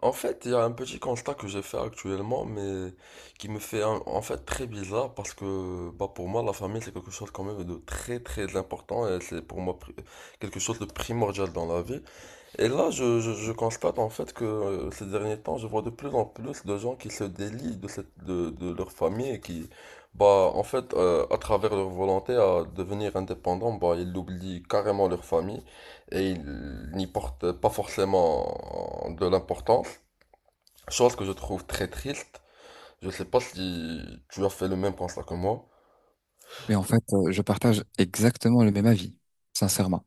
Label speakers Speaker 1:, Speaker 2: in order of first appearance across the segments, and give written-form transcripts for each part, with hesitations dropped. Speaker 1: En fait, il y a un petit constat que j'ai fait actuellement, mais qui me fait en fait très bizarre parce que bah, pour moi, la famille, c'est quelque chose quand même de très très important et c'est pour moi pri- quelque chose de primordial dans la vie. Et là, je constate en fait que ces derniers temps, je vois de plus en plus de gens qui se délient de leur famille et qui, bah, en fait, à travers leur volonté à devenir indépendant, bah, ils oublient carrément leur famille et ils n'y portent pas forcément de l'importance. Chose que je trouve très triste. Je sais pas si tu as fait le même constat que moi.
Speaker 2: Mais en fait, je partage exactement le même avis, sincèrement.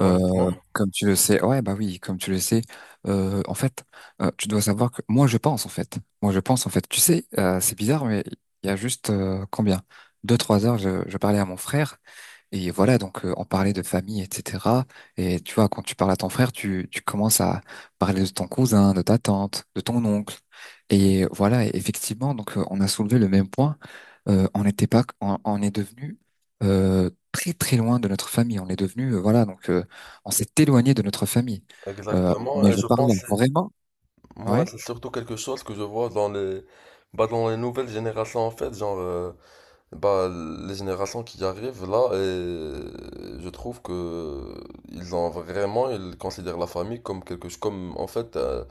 Speaker 1: Honnêtement,
Speaker 2: Euh, Comme tu le sais, ouais, bah oui, comme tu le sais, euh, en fait, tu dois savoir que moi, je pense, en fait. Tu sais, c'est bizarre, mais il y a juste combien? Deux, trois heures, je parlais à mon frère et voilà, donc on parlait de famille, etc. Et tu vois, quand tu parles à ton frère, tu commences à parler de ton cousin, de ta tante, de ton oncle. Et voilà, et effectivement, donc on a soulevé le même point. On n'était pas, on est devenu très très loin de notre famille. On est devenu, voilà, donc on s'est éloigné de notre famille.
Speaker 1: exactement.
Speaker 2: Mais
Speaker 1: Et
Speaker 2: je
Speaker 1: je
Speaker 2: parle
Speaker 1: pense,
Speaker 2: vraiment,
Speaker 1: moi,
Speaker 2: ouais,
Speaker 1: c'est surtout quelque chose que je vois dans bah, dans les nouvelles générations, en fait. Bah, les générations qui arrivent là, et je trouve que ils ont vraiment, ils considèrent la famille comme quelque chose, comme, en fait, euh,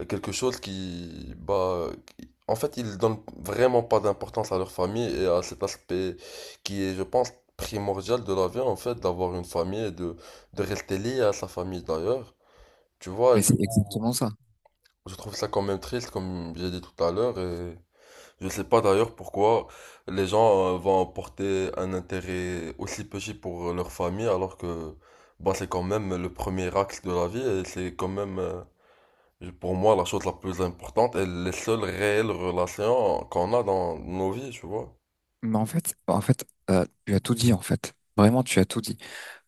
Speaker 1: euh, quelque chose en fait, ils donnent vraiment pas d'importance à leur famille et à cet aspect qui est, je pense, primordial de la vie, en fait, d'avoir une famille et de rester lié à sa famille d'ailleurs. Tu vois, et
Speaker 2: mais
Speaker 1: du
Speaker 2: c'est
Speaker 1: coup,
Speaker 2: exactement ça.
Speaker 1: je trouve ça quand même triste, comme j'ai dit tout à l'heure, et je sais pas d'ailleurs pourquoi les gens vont porter un intérêt aussi petit pour leur famille alors que, bah, c'est quand même le premier axe de la vie et c'est quand même, pour moi, la chose la plus importante est les seules réelles relations qu'on a dans nos vies, tu vois.
Speaker 2: Mais en fait, tu as tout dit, en fait. Vraiment, tu as tout dit.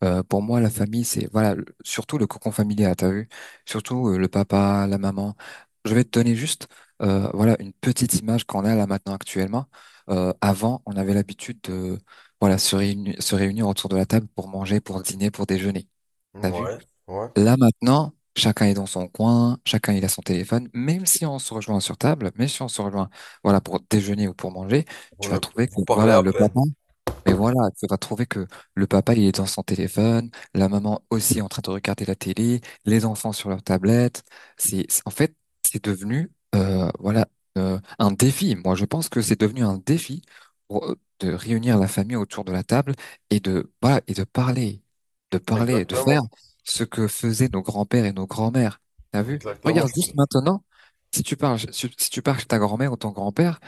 Speaker 2: Pour moi, la famille, c'est, voilà, surtout le cocon familial, t'as vu? Surtout le papa, la maman. Je vais te donner juste, voilà, une petite image qu'on a là maintenant actuellement. Avant, on avait l'habitude de, voilà, se réunir autour de la table pour manger, pour dîner, pour déjeuner. T'as vu?
Speaker 1: Ouais, ouais.
Speaker 2: Là maintenant, chacun est dans son coin, chacun il a son téléphone, même si on se rejoint sur table, même si on se rejoint, voilà, pour déjeuner ou pour manger,
Speaker 1: Vous
Speaker 2: tu vas
Speaker 1: ne,
Speaker 2: trouver
Speaker 1: vous
Speaker 2: que,
Speaker 1: parlez
Speaker 2: voilà,
Speaker 1: à
Speaker 2: le
Speaker 1: peine.
Speaker 2: papa, mais voilà, tu vas trouver que le papa, il est dans son téléphone, la maman aussi en train de regarder la télé, les enfants sur leur tablette. C'est, c'est- en fait, c'est devenu, un défi. Moi, je pense que c'est devenu un défi pour, de réunir la famille autour de la table et de, voilà, et de parler, de parler, de faire
Speaker 1: Exactement.
Speaker 2: ce que faisaient nos grands-pères et nos grands-mères. T'as vu?
Speaker 1: Exactement.
Speaker 2: Regarde
Speaker 1: ça
Speaker 2: juste
Speaker 1: fait-
Speaker 2: maintenant, si tu parles chez ta grand-mère ou ton grand-père,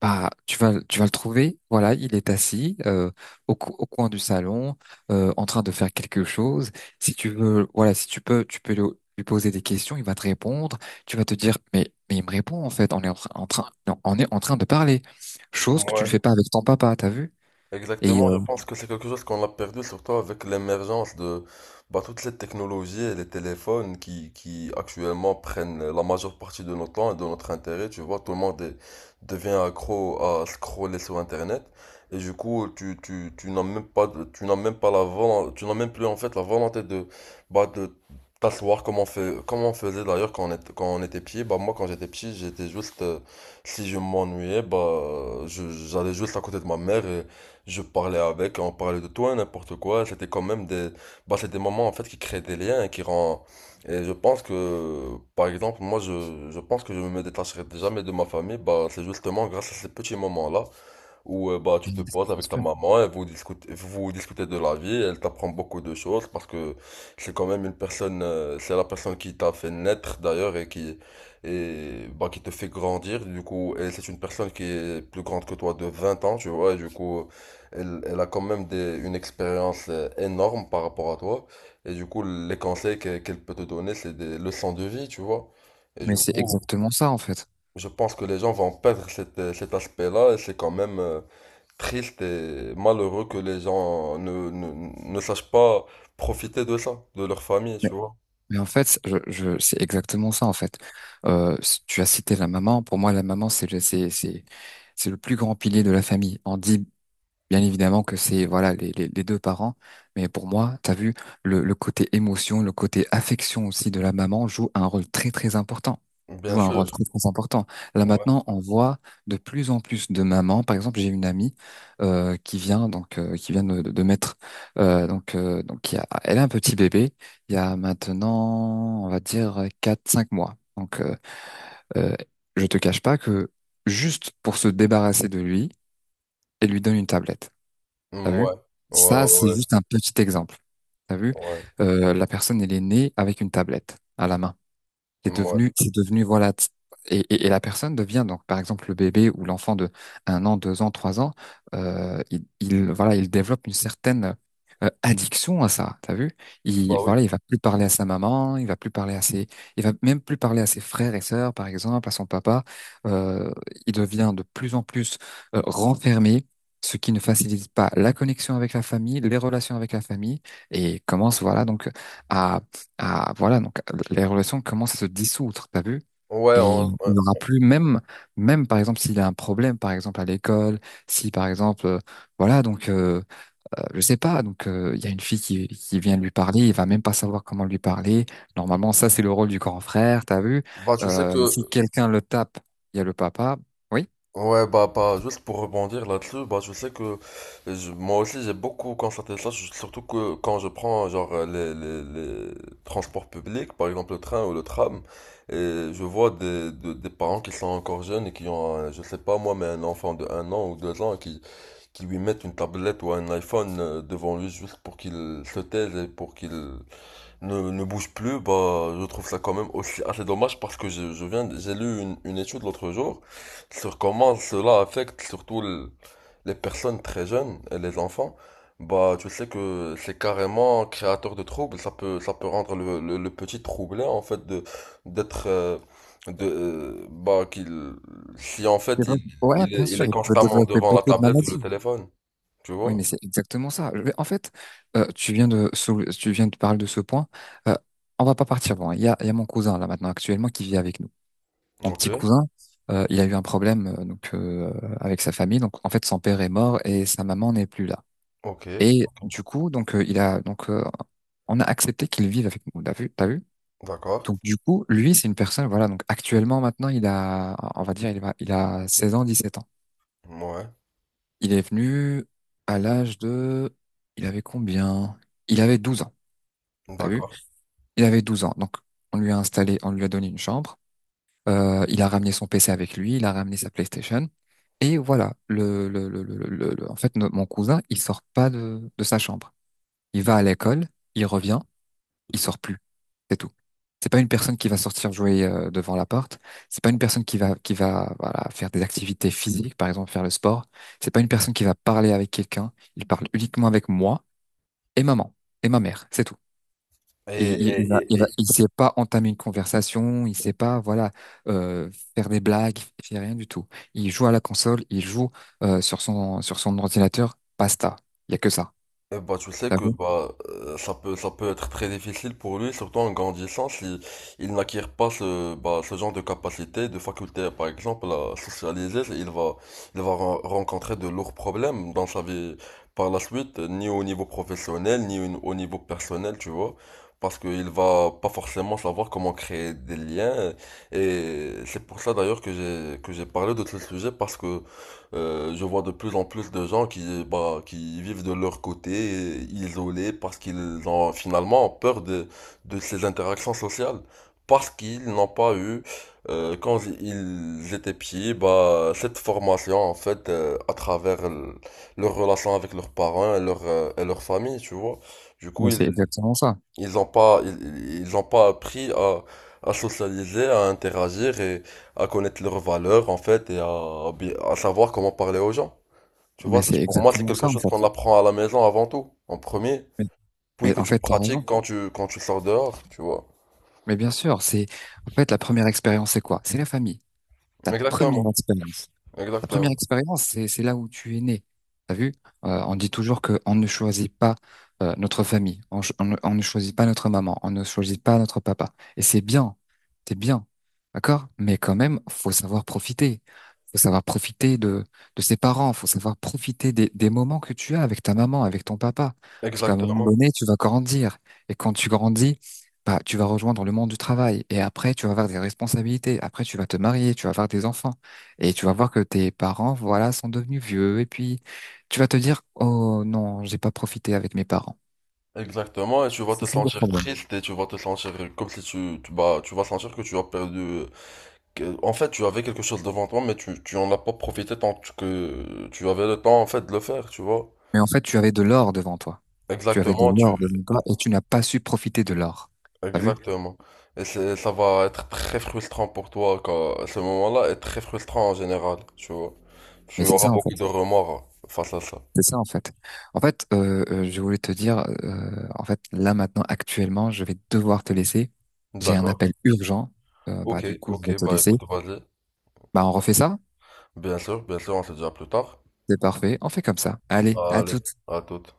Speaker 2: bah, tu vas le trouver. Voilà, il est assis au, au coin du salon, en train de faire quelque chose. Si tu veux, voilà, si tu peux, lui poser des questions. Il va te répondre. Tu vas te dire, mais il me répond en fait. On est en train de parler. Chose que tu ne
Speaker 1: Ouais.
Speaker 2: fais pas avec ton papa, t'as vu? Et
Speaker 1: Exactement, je pense que c'est quelque chose qu'on a perdu, surtout avec l'émergence de bah, toutes ces technologies et les téléphones qui actuellement prennent la majeure partie de notre temps et de notre intérêt. Tu vois, tout le monde est- Devient accro à scroller sur Internet. Et du coup, tu n'as même pas, tu n'as même pas la volonté, tu n'as même plus en fait la volonté de, bah, de t'asseoir comme on fait, comme on faisait d'ailleurs quand on était petit. Bah, moi, quand j'étais petit, j'étais juste, si je m'ennuyais, bah, j'allais juste à côté de ma mère et je parlais avec, on parlait de toi, n'importe quoi. C'était quand même des, bah, c'est des moments en fait qui créent des liens et qui rend. Et je pense que, par exemple, moi, je pense que je me détacherai jamais de ma famille. Bah, c'est justement grâce à ces petits moments-là où bah, tu te
Speaker 2: bien
Speaker 1: poses avec ta
Speaker 2: sûr.
Speaker 1: maman et vous discutez de la vie. Elle t'apprend beaucoup de choses parce que c'est quand même une personne, c'est la personne qui t'a fait naître d'ailleurs et qui, et, bah, qui te fait grandir. Du coup, et c'est une personne qui est plus grande que toi de 20 ans, tu vois. Et du coup, elle, elle a quand même des, une expérience énorme par rapport à toi. Et du coup, les conseils qu'elle peut te donner, c'est des leçons de vie, tu vois. Et
Speaker 2: Mais
Speaker 1: du
Speaker 2: c'est
Speaker 1: coup,
Speaker 2: exactement ça en fait.
Speaker 1: je pense que les gens vont perdre cet aspect-là et c'est quand même, triste et malheureux que les gens ne sachent pas profiter de ça, de leur famille,
Speaker 2: Mais,
Speaker 1: tu vois.
Speaker 2: c'est exactement ça en fait. Tu as cité la maman. Pour moi, la maman, c'est le plus grand pilier de la famille. On dit bien évidemment que c'est voilà les deux parents, mais pour moi, t'as vu, le côté émotion, le côté affection aussi de la maman joue un rôle très très important.
Speaker 1: Bien
Speaker 2: Joue un
Speaker 1: sûr.
Speaker 2: rôle très très important. Là
Speaker 1: Ouais.
Speaker 2: maintenant, on voit de plus en plus de mamans. Par exemple, j'ai une amie qui vient de mettre donc il y a, elle a un petit bébé. Il y a maintenant, on va dire quatre cinq mois. Donc euh, je te cache pas que juste pour se débarrasser de lui, elle lui donne une tablette. T'as
Speaker 1: Ouais.
Speaker 2: vu?
Speaker 1: Ouais,
Speaker 2: Ça, c'est
Speaker 1: ouais,
Speaker 2: juste un petit exemple. T'as vu?
Speaker 1: ouais.
Speaker 2: La personne, elle est née avec une tablette à la main.
Speaker 1: Ouais.
Speaker 2: C'est devenu, voilà. Et, et la personne devient donc, par exemple, le bébé ou l'enfant de un an, deux ans, trois ans, voilà, il développe une certaine addiction à ça. T'as vu? Il,
Speaker 1: Bah oui.
Speaker 2: voilà, il va plus parler à sa maman, il va plus parler à ses, il va même plus parler à ses frères et sœurs, par exemple, à son papa. Euh, il devient de plus en plus renfermé, ce qui ne facilite pas la connexion avec la famille, les relations avec la famille, et commence, voilà, donc à, voilà, donc les relations commencent à se dissoudre, t'as vu?
Speaker 1: Ouais,
Speaker 2: Et
Speaker 1: hein,
Speaker 2: il
Speaker 1: ouais.
Speaker 2: n'y aura plus, même par exemple, s'il y a un problème, par exemple, à l'école, si par exemple, voilà, donc, je sais pas, donc, il y a une fille qui vient lui parler, il va même pas savoir comment lui parler. Normalement, ça, c'est le rôle du grand frère, t'as vu?
Speaker 1: Bah tu sais
Speaker 2: Si
Speaker 1: que
Speaker 2: quelqu'un le tape, il y a le papa. Oui?
Speaker 1: ouais, bah, bah, juste pour rebondir là-dessus, bah, je sais que moi aussi j'ai beaucoup constaté ça, surtout que quand je prends genre les transports publics, par exemple le train ou le tram, et je vois des parents qui sont encore jeunes et qui ont, je sais pas moi, mais un enfant de 1 an ou 2 ans qui lui mettent une tablette ou un iPhone devant lui juste pour qu'il se taise et pour qu'il ne bouge plus, bah, je trouve ça quand même aussi assez dommage parce que je viens, j'ai lu une étude l'autre jour sur comment cela affecte surtout les personnes très jeunes et les enfants. Bah, tu sais que c'est carrément créateur de troubles, ça peut rendre le petit troublé en fait de, d'être, bah, qu'il, si en
Speaker 2: C'est
Speaker 1: fait
Speaker 2: vrai. Ouais, bien
Speaker 1: il
Speaker 2: sûr,
Speaker 1: est
Speaker 2: il peut
Speaker 1: constamment
Speaker 2: développer
Speaker 1: devant la
Speaker 2: beaucoup de
Speaker 1: tablette ou le
Speaker 2: maladies.
Speaker 1: téléphone, tu
Speaker 2: Oui,
Speaker 1: vois?
Speaker 2: mais c'est exactement ça. Je vais- En fait, tu viens de parler de ce point. Euh, on va pas partir loin. Il y a mon cousin là maintenant actuellement qui vit avec nous. Mon
Speaker 1: Ok,
Speaker 2: petit cousin, il a eu un problème avec sa famille. Donc en fait, son père est mort et sa maman n'est plus là.
Speaker 1: ok,
Speaker 2: Et du coup, donc il a donc on a accepté qu'il vive avec nous. T'as vu? T'as vu?
Speaker 1: d'accord,
Speaker 2: Donc du coup, lui, c'est une personne. Voilà. Donc actuellement, maintenant, il a, on va dire, il va, il a 16 ans, 17 ans.
Speaker 1: ouais,
Speaker 2: Il est venu à l'âge de... Il avait combien? Il avait 12 ans, t'as vu?
Speaker 1: d'accord.
Speaker 2: Il avait 12 ans, donc on lui a installé, on lui a donné une chambre. Il a ramené son PC avec lui, il a ramené sa PlayStation. Et voilà, le- en fait, no- mon cousin, il sort pas de sa chambre. Il va à l'école, il revient, il sort plus. C'est tout. C'est pas une personne qui va sortir jouer devant la porte. C'est pas une personne qui va voilà faire des activités physiques, par exemple faire le sport. C'est pas une personne qui va parler avec quelqu'un. Il parle uniquement avec moi et maman et ma mère. C'est tout.
Speaker 1: Et,
Speaker 2: Et
Speaker 1: et- et-
Speaker 2: il va-
Speaker 1: et-
Speaker 2: il sait pas entamer une conversation. Il sait pas voilà faire des blagues. Il fait rien du tout. Il joue à la console. Il joue sur son ordinateur. Basta. Il y a que ça.
Speaker 1: et bah, tu sais
Speaker 2: T'as
Speaker 1: que
Speaker 2: vu?
Speaker 1: bah, ça peut être très difficile pour lui, surtout en grandissant, si il n'acquiert pas ce, bah, ce genre de capacité, de faculté, par exemple, à socialiser, il va, rencontrer de lourds problèmes dans sa vie par la suite, ni au niveau professionnel, ni au niveau personnel, tu vois, parce qu'il va pas forcément savoir comment créer des liens. Et c'est pour ça d'ailleurs que que j'ai parlé de ce sujet, parce que je vois de plus en plus de gens qui, bah, qui vivent de leur côté, isolés, parce qu'ils ont finalement peur de ces interactions sociales, parce qu'ils n'ont pas eu, quand ils étaient petits, bah, cette formation, en fait, à travers leur relation avec leurs parents et et leur famille, tu vois. Du coup,
Speaker 2: Mais
Speaker 1: ils,
Speaker 2: c'est exactement ça.
Speaker 1: ils n'ont pas, ils ont pas appris à socialiser, à interagir et à connaître leurs valeurs, en fait, et à, à savoir comment parler aux gens. Tu
Speaker 2: Mais
Speaker 1: vois,
Speaker 2: c'est
Speaker 1: pour moi, c'est
Speaker 2: exactement ça
Speaker 1: quelque
Speaker 2: en
Speaker 1: chose
Speaker 2: fait.
Speaker 1: qu'on apprend à la maison avant tout, en premier,
Speaker 2: Mais,
Speaker 1: puis
Speaker 2: mais
Speaker 1: que
Speaker 2: en
Speaker 1: tu
Speaker 2: fait, t'as
Speaker 1: pratiques
Speaker 2: raison.
Speaker 1: quand tu sors dehors, tu vois.
Speaker 2: Mais bien sûr, c'est en fait la première expérience, c'est quoi? C'est la famille. Ta première
Speaker 1: Exactement,
Speaker 2: expérience. Ta première
Speaker 1: exactement,
Speaker 2: expérience, c'est là où tu es né. T'as vu? On dit toujours que on ne choisit pas notre famille, on ne choisit pas notre maman, on ne choisit pas notre papa. Et c'est bien, d'accord? Mais quand même, faut savoir profiter. Faut savoir profiter de ses parents, faut savoir profiter des moments que tu as avec ta maman, avec ton papa. Parce qu'à un moment
Speaker 1: exactement,
Speaker 2: donné, tu vas grandir. Et quand tu grandis, bah, tu vas rejoindre le monde du travail. Et après, tu vas avoir des responsabilités. Après, tu vas te marier, tu vas avoir des enfants. Et tu vas voir que tes parents, voilà, sont devenus vieux. Et puis, tu vas te dire, oh non, j'ai pas profité avec mes parents.
Speaker 1: exactement, et tu vas te
Speaker 2: C'est ça le
Speaker 1: sentir
Speaker 2: problème.
Speaker 1: triste et tu vas te sentir comme si tu, tu, bah, tu vas sentir que tu as perdu en fait, tu avais quelque chose devant toi, mais tu en as pas profité tant que tu avais le temps en fait de le faire, tu vois.
Speaker 2: Mais en fait, tu avais de l'or devant toi. Tu avais de
Speaker 1: Exactement, tu
Speaker 2: l'or devant toi et tu n'as pas su profiter de l'or. T'as vu?
Speaker 1: exactement. Et ça va être très frustrant pour toi car ce moment-là est très frustrant en général, tu vois.
Speaker 2: Mais
Speaker 1: Tu
Speaker 2: c'est
Speaker 1: auras
Speaker 2: ça, en
Speaker 1: beaucoup de
Speaker 2: fait.
Speaker 1: remords face à ça.
Speaker 2: C'est ça, en fait. En fait, je voulais te dire, là, maintenant, actuellement, je vais devoir te laisser. J'ai un
Speaker 1: D'accord.
Speaker 2: appel urgent. Bah,
Speaker 1: Ok,
Speaker 2: du coup, je vais
Speaker 1: ok,
Speaker 2: te
Speaker 1: bah
Speaker 2: laisser.
Speaker 1: écoute, vas-y.
Speaker 2: Bah, on refait ça?
Speaker 1: Bien sûr, on se dit à plus tard.
Speaker 2: C'est parfait. On fait comme ça. Allez, à
Speaker 1: Allez,
Speaker 2: tout.
Speaker 1: à toute.